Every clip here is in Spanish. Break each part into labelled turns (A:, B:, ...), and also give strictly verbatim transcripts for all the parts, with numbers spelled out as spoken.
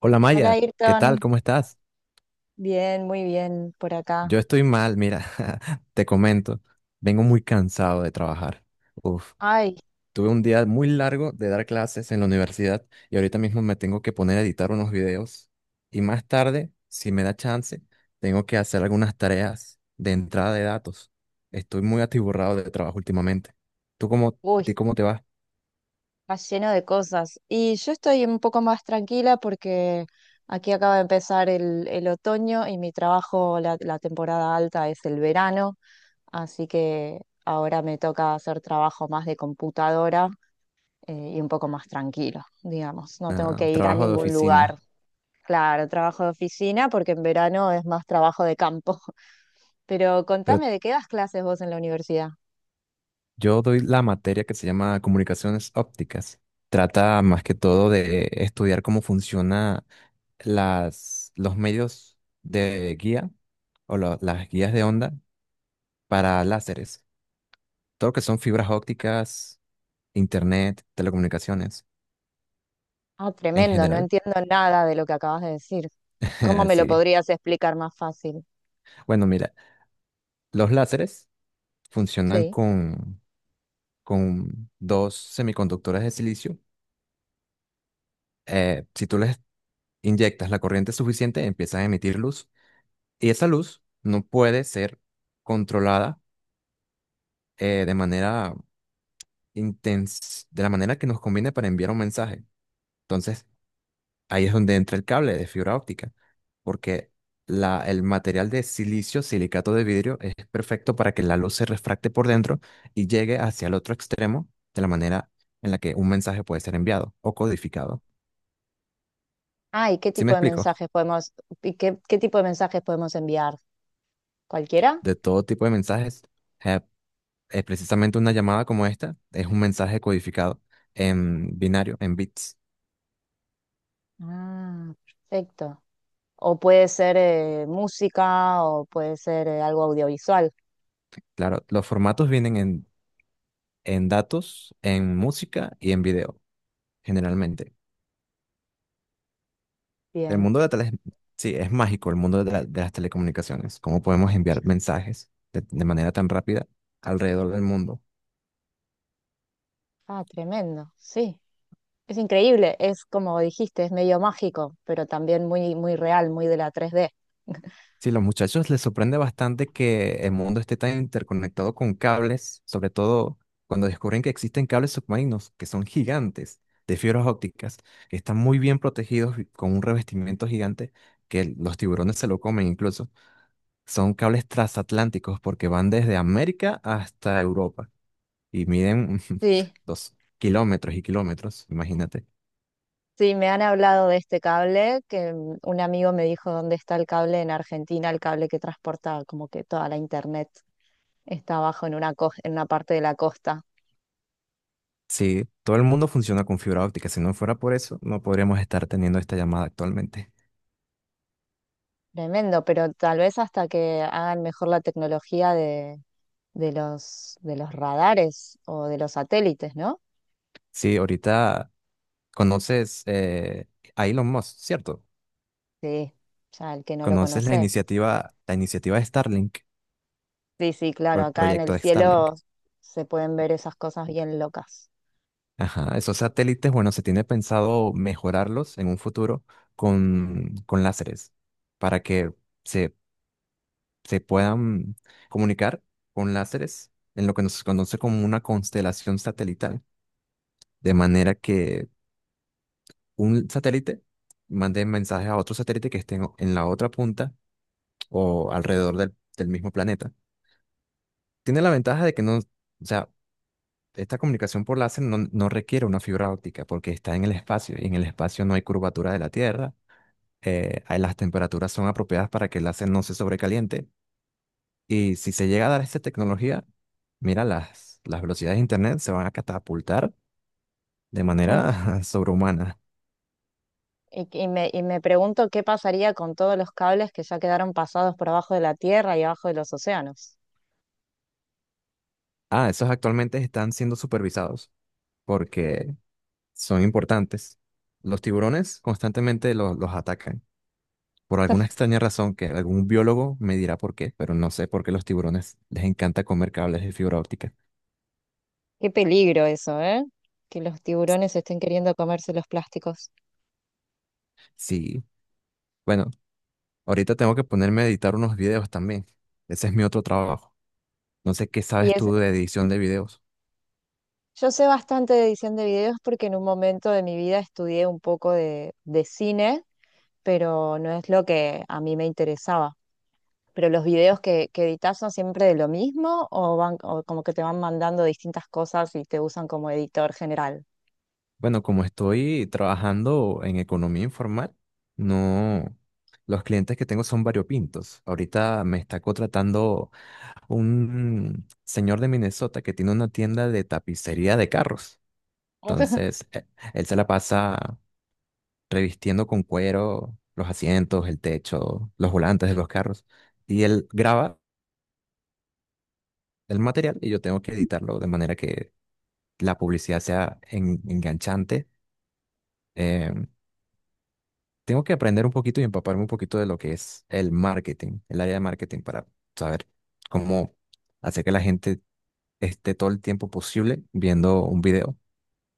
A: Hola
B: Hola,
A: Maya, ¿qué tal?
B: Ayrton.
A: ¿Cómo estás?
B: Bien, muy bien por acá.
A: Yo estoy mal, mira, te comento, vengo muy cansado de trabajar. Uf,
B: Ay,
A: tuve un día muy largo de dar clases en la universidad y ahorita mismo me tengo que poner a editar unos videos y más tarde, si me da chance, tengo que hacer algunas tareas de entrada de datos. Estoy muy atiborrado de trabajo últimamente. ¿Tú cómo, a
B: uy,
A: ti cómo te va?
B: está lleno de cosas. Y yo estoy un poco más tranquila porque aquí acaba de empezar el, el otoño y mi trabajo, la, la temporada alta es el verano, así que ahora me toca hacer trabajo más de computadora eh, y un poco más tranquilo, digamos. No tengo
A: Ah,
B: que ir a
A: trabajo de
B: ningún lugar.
A: oficina.
B: Claro, trabajo de oficina porque en verano es más trabajo de campo. Pero
A: Pero
B: contame, ¿de qué das clases vos en la universidad?
A: Yo doy la materia que se llama comunicaciones ópticas. Trata más que todo de estudiar cómo funciona las, los medios de guía o lo- las guías de onda para láseres. Todo lo que son fibras ópticas, internet, telecomunicaciones
B: Ah,
A: en
B: tremendo, no
A: general.
B: entiendo nada de lo que acabas de decir. ¿Cómo me lo
A: Sí.
B: podrías explicar más fácil?
A: Bueno, mira, los láseres funcionan
B: Sí.
A: con, con dos semiconductores de silicio. Eh, si tú les inyectas la corriente suficiente, empiezan a emitir luz. Y esa luz no puede ser controlada eh, de manera intens- de la manera que nos conviene para enviar un mensaje. Entonces, ahí es donde entra el cable de fibra óptica, porque la, el material de silicio, silicato de vidrio, es perfecto para que la luz se refracte por dentro y llegue hacia el otro extremo de la manera en la que un mensaje puede ser enviado o codificado.
B: Ah, ¿y qué
A: ¿Sí me
B: tipo de
A: explico?
B: mensajes podemos, ¿y qué, qué tipo de mensajes podemos enviar? ¿Cualquiera?
A: De todo tipo de mensajes, eh, eh, precisamente una llamada como esta es un mensaje codificado en binario, en bits.
B: Ah, perfecto. O puede ser eh, música o puede ser eh, algo audiovisual.
A: Claro, los formatos vienen en, en datos, en música y en video, generalmente. El
B: Bien.
A: mundo de la tele, sí, es mágico el mundo de, la- de las telecomunicaciones. ¿Cómo podemos enviar mensajes de de manera tan rápida alrededor del mundo?
B: Ah, tremendo. Sí. Es increíble. Es como dijiste, es medio mágico, pero también muy, muy real, muy de la tres d.
A: Sí, los muchachos les sorprende bastante que el mundo esté tan interconectado con cables, sobre todo cuando descubren que existen cables submarinos que son gigantes, de fibras ópticas, que están muy bien protegidos y con un revestimiento gigante que los tiburones se lo comen incluso. Son cables transatlánticos porque van desde América hasta Europa y miden
B: Sí.
A: dos kilómetros y kilómetros, imagínate.
B: Sí, me han hablado de este cable, que mm, un amigo me dijo dónde está el cable en Argentina, el cable que transporta como que toda la internet está abajo en una, co- en una parte de la costa.
A: Sí, todo el mundo funciona con fibra óptica. Si no fuera por eso, no podríamos estar teniendo esta llamada actualmente.
B: Tremendo, pero tal vez hasta que hagan mejor la tecnología de, de los, de los radares o de los satélites, ¿no?
A: Sí, ahorita conoces eh, a Elon Musk, ¿cierto?
B: Sí, ya el que no lo
A: Conoces la
B: conoce.
A: iniciativa, la iniciativa de Starlink,
B: Sí, sí,
A: o
B: claro,
A: el
B: acá en
A: proyecto
B: el
A: de Starlink.
B: cielo se pueden ver esas cosas bien locas.
A: Ajá, esos satélites, bueno, se tiene pensado mejorarlos en un futuro con, con láseres para que se, se puedan comunicar con láseres en lo que nos conoce como una constelación satelital, de manera que un satélite mande mensajes a otro satélite que esté en en la otra punta o alrededor del, del mismo planeta. Tiene la ventaja de que no, o sea, esta comunicación por láser no, no requiere una fibra óptica porque está en el espacio y en el espacio no hay curvatura de la Tierra. eh, ahí las temperaturas son apropiadas para que el láser no se sobrecaliente. Y si se llega a dar esta tecnología, mira, las, las velocidades de Internet se van a catapultar de manera sobrehumana.
B: Y, y me, y me pregunto qué pasaría con todos los cables que ya quedaron pasados por abajo de la tierra y abajo de los océanos.
A: Ah, esos actualmente están siendo supervisados porque son importantes. Los tiburones constantemente los, los atacan. Por alguna extraña razón que algún biólogo me dirá por qué, pero no sé por qué los tiburones les encanta comer cables de fibra óptica.
B: Qué peligro eso, ¿eh? Que los tiburones estén queriendo comerse los plásticos.
A: Sí, bueno, ahorita tengo que ponerme a editar unos videos también. Ese es mi otro trabajo. No sé qué
B: Y
A: sabes
B: es,
A: tú de edición de videos.
B: yo sé bastante de edición de videos porque en un momento de mi vida estudié un poco de, de cine, pero no es lo que a mí me interesaba. Pero los videos que, que editas son siempre de lo mismo o van o como que te van mandando distintas cosas y te usan como editor general.
A: Bueno, como estoy trabajando en economía informal, no, los clientes que tengo son variopintos. Ahorita me está contratando un señor de Minnesota que tiene una tienda de tapicería de carros. Entonces, e- él se la pasa revistiendo con cuero los asientos, el techo, los volantes de los carros. Y él graba el material y yo tengo que editarlo de manera que la publicidad sea en- enganchante. Eh, tengo que aprender un poquito y empaparme un poquito de lo que es el marketing, el área de marketing para saber cómo hacer que la gente esté todo el tiempo posible viendo un video.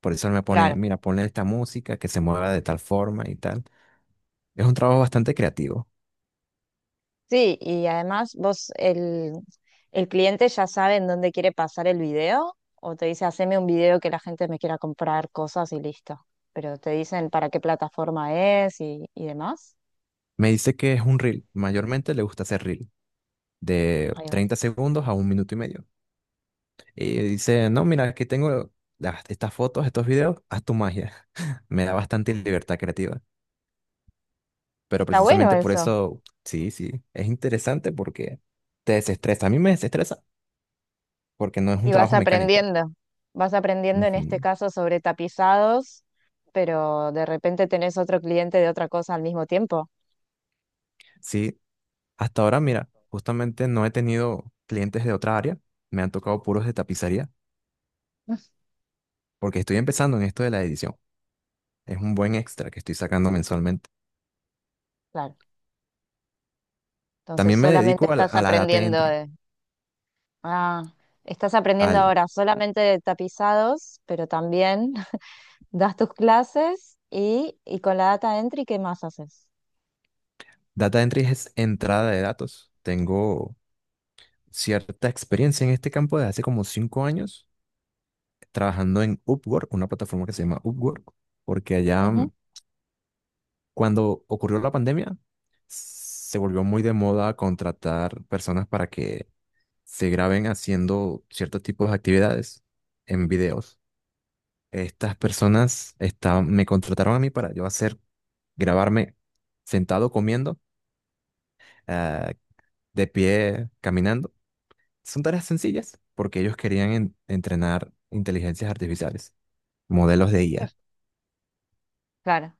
A: Por eso él me pone,
B: Claro.
A: mira, ponle esta música que se mueva de tal forma y tal. Es un trabajo bastante creativo.
B: Sí, y además vos, el, el cliente ya sabe en dónde quiere pasar el video o te dice, haceme un video que la gente me quiera comprar cosas y listo. Pero te dicen para qué plataforma es y, y demás.
A: Me dice que es un reel. Mayormente le gusta hacer reel de
B: Ahí va.
A: treinta segundos a un minuto y medio. Y dice, no, mira, aquí tengo las- estas fotos, estos videos, haz tu magia. Me da bastante libertad creativa. Pero
B: Está bueno
A: precisamente por
B: eso.
A: eso, sí, sí, es interesante porque te desestresa. A mí me desestresa porque no es un
B: Y vas
A: trabajo mecánico.
B: aprendiendo. Vas aprendiendo en este
A: Ujú.
B: caso sobre tapizados, pero de repente tenés otro cliente de otra cosa al mismo tiempo.
A: Sí, hasta ahora, mira, justamente no he tenido clientes de otra área. Me han tocado puros de tapicería porque estoy empezando en esto de la edición. Es un buen extra que estoy sacando mensualmente.
B: Claro. Entonces
A: También me
B: solamente
A: dedico al-
B: estás
A: a la data
B: aprendiendo.
A: entry.
B: Ah, estás aprendiendo
A: Al
B: ahora solamente de tapizados, pero también das tus clases y, y con la data entry, ¿qué más haces?
A: data entry es entrada de datos. Tengo cierta experiencia en este campo desde hace como cinco años trabajando en Upwork, una plataforma que se llama Upwork, porque allá
B: Ujú,
A: mm, cuando ocurrió la pandemia se volvió muy de moda contratar personas para que se graben haciendo ciertos tipos de actividades en videos. Estas personas estaban- me contrataron a mí para yo hacer, grabarme sentado comiendo, eh, de pie, caminando. Son tareas sencillas porque ellos querían en- entrenar inteligencias artificiales, modelos de I A.
B: claro.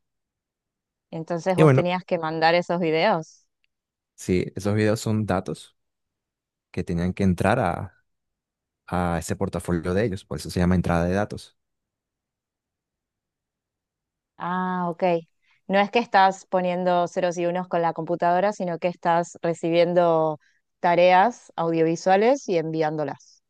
B: Entonces
A: Y
B: vos
A: bueno,
B: tenías que mandar esos videos.
A: sí, esos videos son datos que tenían que entrar a, a ese portafolio de ellos, por eso se llama entrada de datos.
B: Ah, ok. No es que estás poniendo ceros y unos con la computadora, sino que estás recibiendo tareas audiovisuales y enviándolas.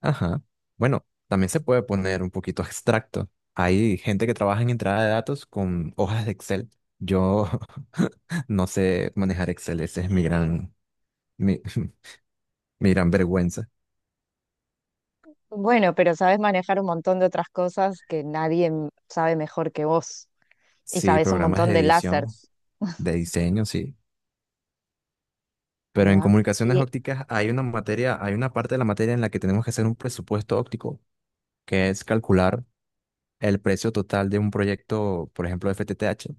A: Ajá. Bueno, también se puede poner un poquito abstracto. Hay gente que trabaja en entrada de datos con hojas de Excel. Yo no sé manejar Excel, ese es mi gran, mi, mi gran vergüenza.
B: Bueno, pero sabes manejar un montón de otras cosas que nadie m- sabe mejor que vos. Y
A: Sí,
B: sabes un
A: programas
B: montón
A: de
B: de
A: edición,
B: lásers.
A: de diseño, sí. Pero
B: Ahí
A: en
B: va.
A: comunicaciones ópticas hay una materia, hay una parte de la materia en la que tenemos que hacer un presupuesto óptico, que es calcular el precio total de un proyecto, por ejemplo, F T T H,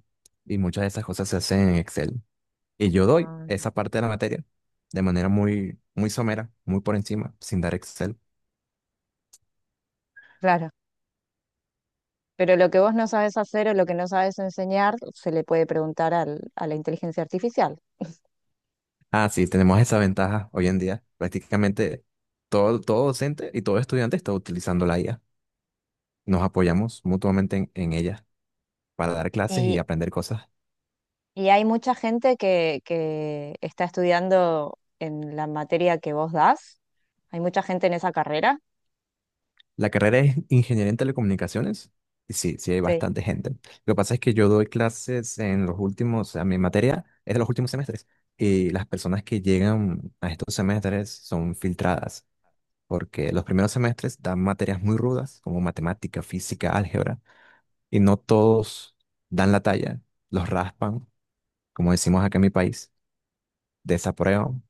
A: y muchas de esas cosas se hacen en Excel. Y yo doy
B: Ah,
A: esa parte de la materia de manera muy, muy somera, muy por encima, sin dar Excel.
B: claro, pero lo que vos no sabes hacer o lo que no sabes enseñar se le puede preguntar al- a la inteligencia artificial.
A: Ah, sí, tenemos esa ventaja hoy en día. Prácticamente todo, todo docente y todo estudiante está utilizando la I A. Nos apoyamos mutuamente en, en ella para dar clases y
B: Y,
A: aprender cosas.
B: y hay mucha gente que, que está estudiando en la materia que vos das. Hay mucha gente en esa carrera.
A: La carrera es ingeniería en telecomunicaciones. Y sí, sí hay
B: Sí.
A: bastante gente. Lo que pasa es que yo doy clases en los últimos, a mi materia es de los últimos semestres. Y las personas que llegan a estos semestres son filtradas, porque los primeros semestres dan materias muy rudas, como matemática, física, álgebra, y no todos dan la talla, los raspan, como decimos acá en mi país, desaprueban.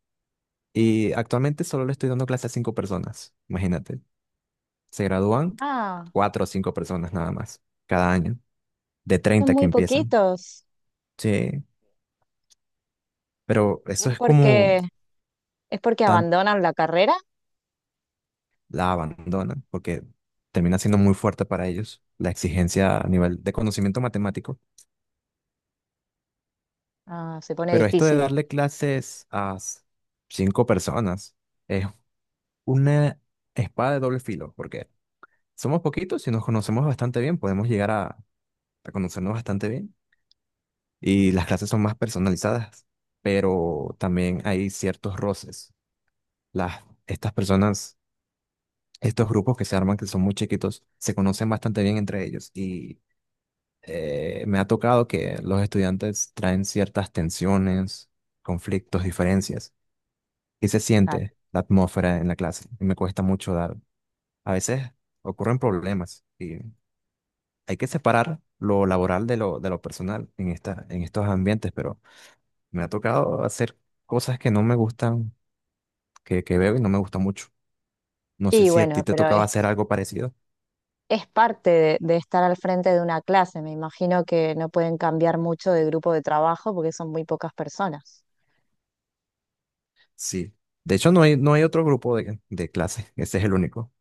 A: Y actualmente solo le estoy dando clases a cinco personas, imagínate. Se gradúan
B: Ah,
A: cuatro o cinco personas nada más cada año, de
B: son
A: treinta que
B: muy
A: empiezan.
B: poquitos.
A: Sí, pero eso
B: Es
A: es como
B: porque, es porque
A: tan
B: abandonan la carrera.
A: la abandonan porque termina siendo muy fuerte para ellos la exigencia a nivel de conocimiento matemático.
B: Ah, se pone
A: Pero esto de
B: difícil.
A: darle clases a s- cinco personas es una espada de doble filo porque somos poquitos y nos conocemos bastante bien, podemos llegar a, a conocernos bastante bien y las clases son más personalizadas, pero también hay ciertos roces. Las, estas personas, estos grupos que se arman, que son muy chiquitos, se conocen bastante bien entre ellos y eh, me ha tocado que los estudiantes traen ciertas tensiones, conflictos, diferencias y se
B: Claro.
A: siente la atmósfera en la clase y me cuesta mucho dar. A veces ocurren problemas y hay que separar lo laboral de lo, de lo personal en esta, en estos ambientes, pero... Me ha tocado hacer cosas que no me gustan, que, que veo y no me gusta mucho. No sé
B: Y
A: si a
B: bueno,
A: ti te
B: pero
A: tocaba hacer algo parecido.
B: es parte de, de estar al frente de una clase. Me imagino que no pueden cambiar mucho de grupo de trabajo porque son muy pocas personas.
A: Sí. De hecho, no hay, no hay otro grupo de, de clase. Ese es el único.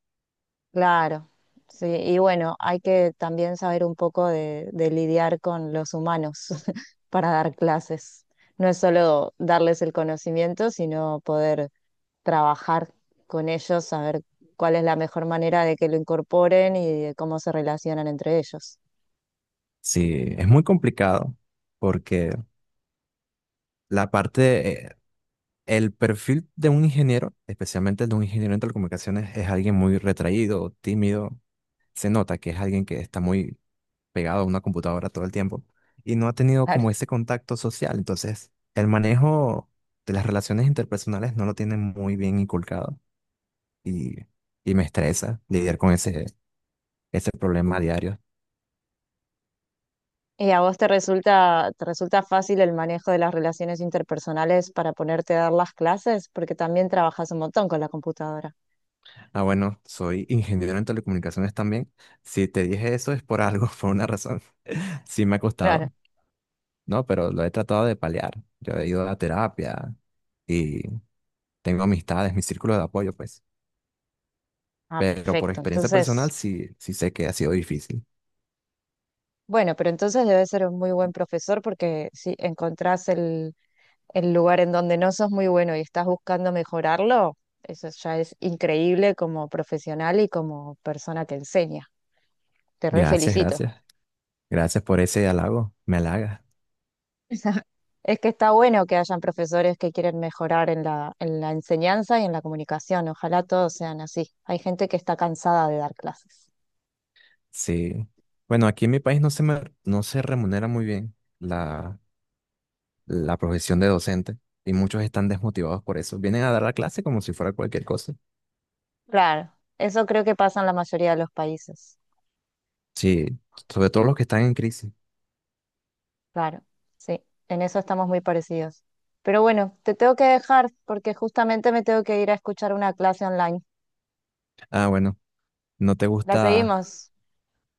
B: Claro, sí. Y bueno, hay que también saber un poco de, de lidiar con los humanos para dar clases. No es solo darles el conocimiento, sino poder trabajar con ellos, saber cuál es la mejor manera de que lo incorporen y de cómo se relacionan entre ellos.
A: Sí, es muy complicado porque la parte, eh, el perfil de un ingeniero, especialmente el de un ingeniero en telecomunicaciones, es alguien muy retraído, tímido. Se nota que es alguien que está muy pegado a una computadora todo el tiempo y no ha tenido
B: Claro.
A: como ese contacto social. Entonces, el manejo de las relaciones interpersonales no lo tiene muy bien inculcado y, y me estresa lidiar con ese, ese problema a diario.
B: ¿Y a vos te resulta, te resulta fácil el manejo de las relaciones interpersonales para ponerte a dar las clases? Porque también trabajas un montón con la computadora.
A: Ah, bueno, soy ingeniero en telecomunicaciones también. Si te dije eso es por algo, por una razón. Sí me ha
B: Claro.
A: costado, ¿no? Pero lo he tratado de paliar. Yo he ido a terapia y tengo amistades, mi círculo de apoyo, pues.
B: Ah,
A: Pero por
B: perfecto.
A: experiencia personal
B: Entonces,
A: sí, sí sé que ha sido difícil.
B: bueno, pero entonces debes ser un muy buen profesor porque si encontrás el, el lugar en donde no sos muy bueno y estás buscando mejorarlo, eso ya es increíble como profesional y como persona que enseña. Te re
A: Gracias,
B: felicito.
A: gracias. Gracias por ese halago. Me halaga.
B: Es que está bueno que hayan profesores que quieren mejorar en la, en la enseñanza y en la comunicación. Ojalá todos sean así. Hay gente que está cansada de dar clases.
A: Sí. Bueno, aquí en mi país no se me- no se remunera muy bien la, la profesión de docente y muchos están desmotivados por eso. Vienen a dar la clase como si fuera cualquier cosa.
B: Claro, eso creo que pasa en la mayoría de los países.
A: Sí, sobre todo los que están en crisis.
B: Claro, sí, en eso estamos muy parecidos. Pero bueno, te tengo que dejar porque justamente me tengo que ir a escuchar una clase online.
A: Ah, bueno, no te
B: La
A: gusta.
B: seguimos,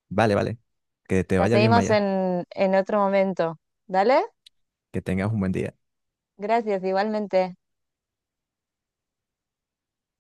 A: Vale, vale. Que te
B: la
A: vaya bien,
B: seguimos
A: Maya.
B: en, en otro momento. ¿Dale?
A: Que tengas un buen día.
B: Gracias, igualmente.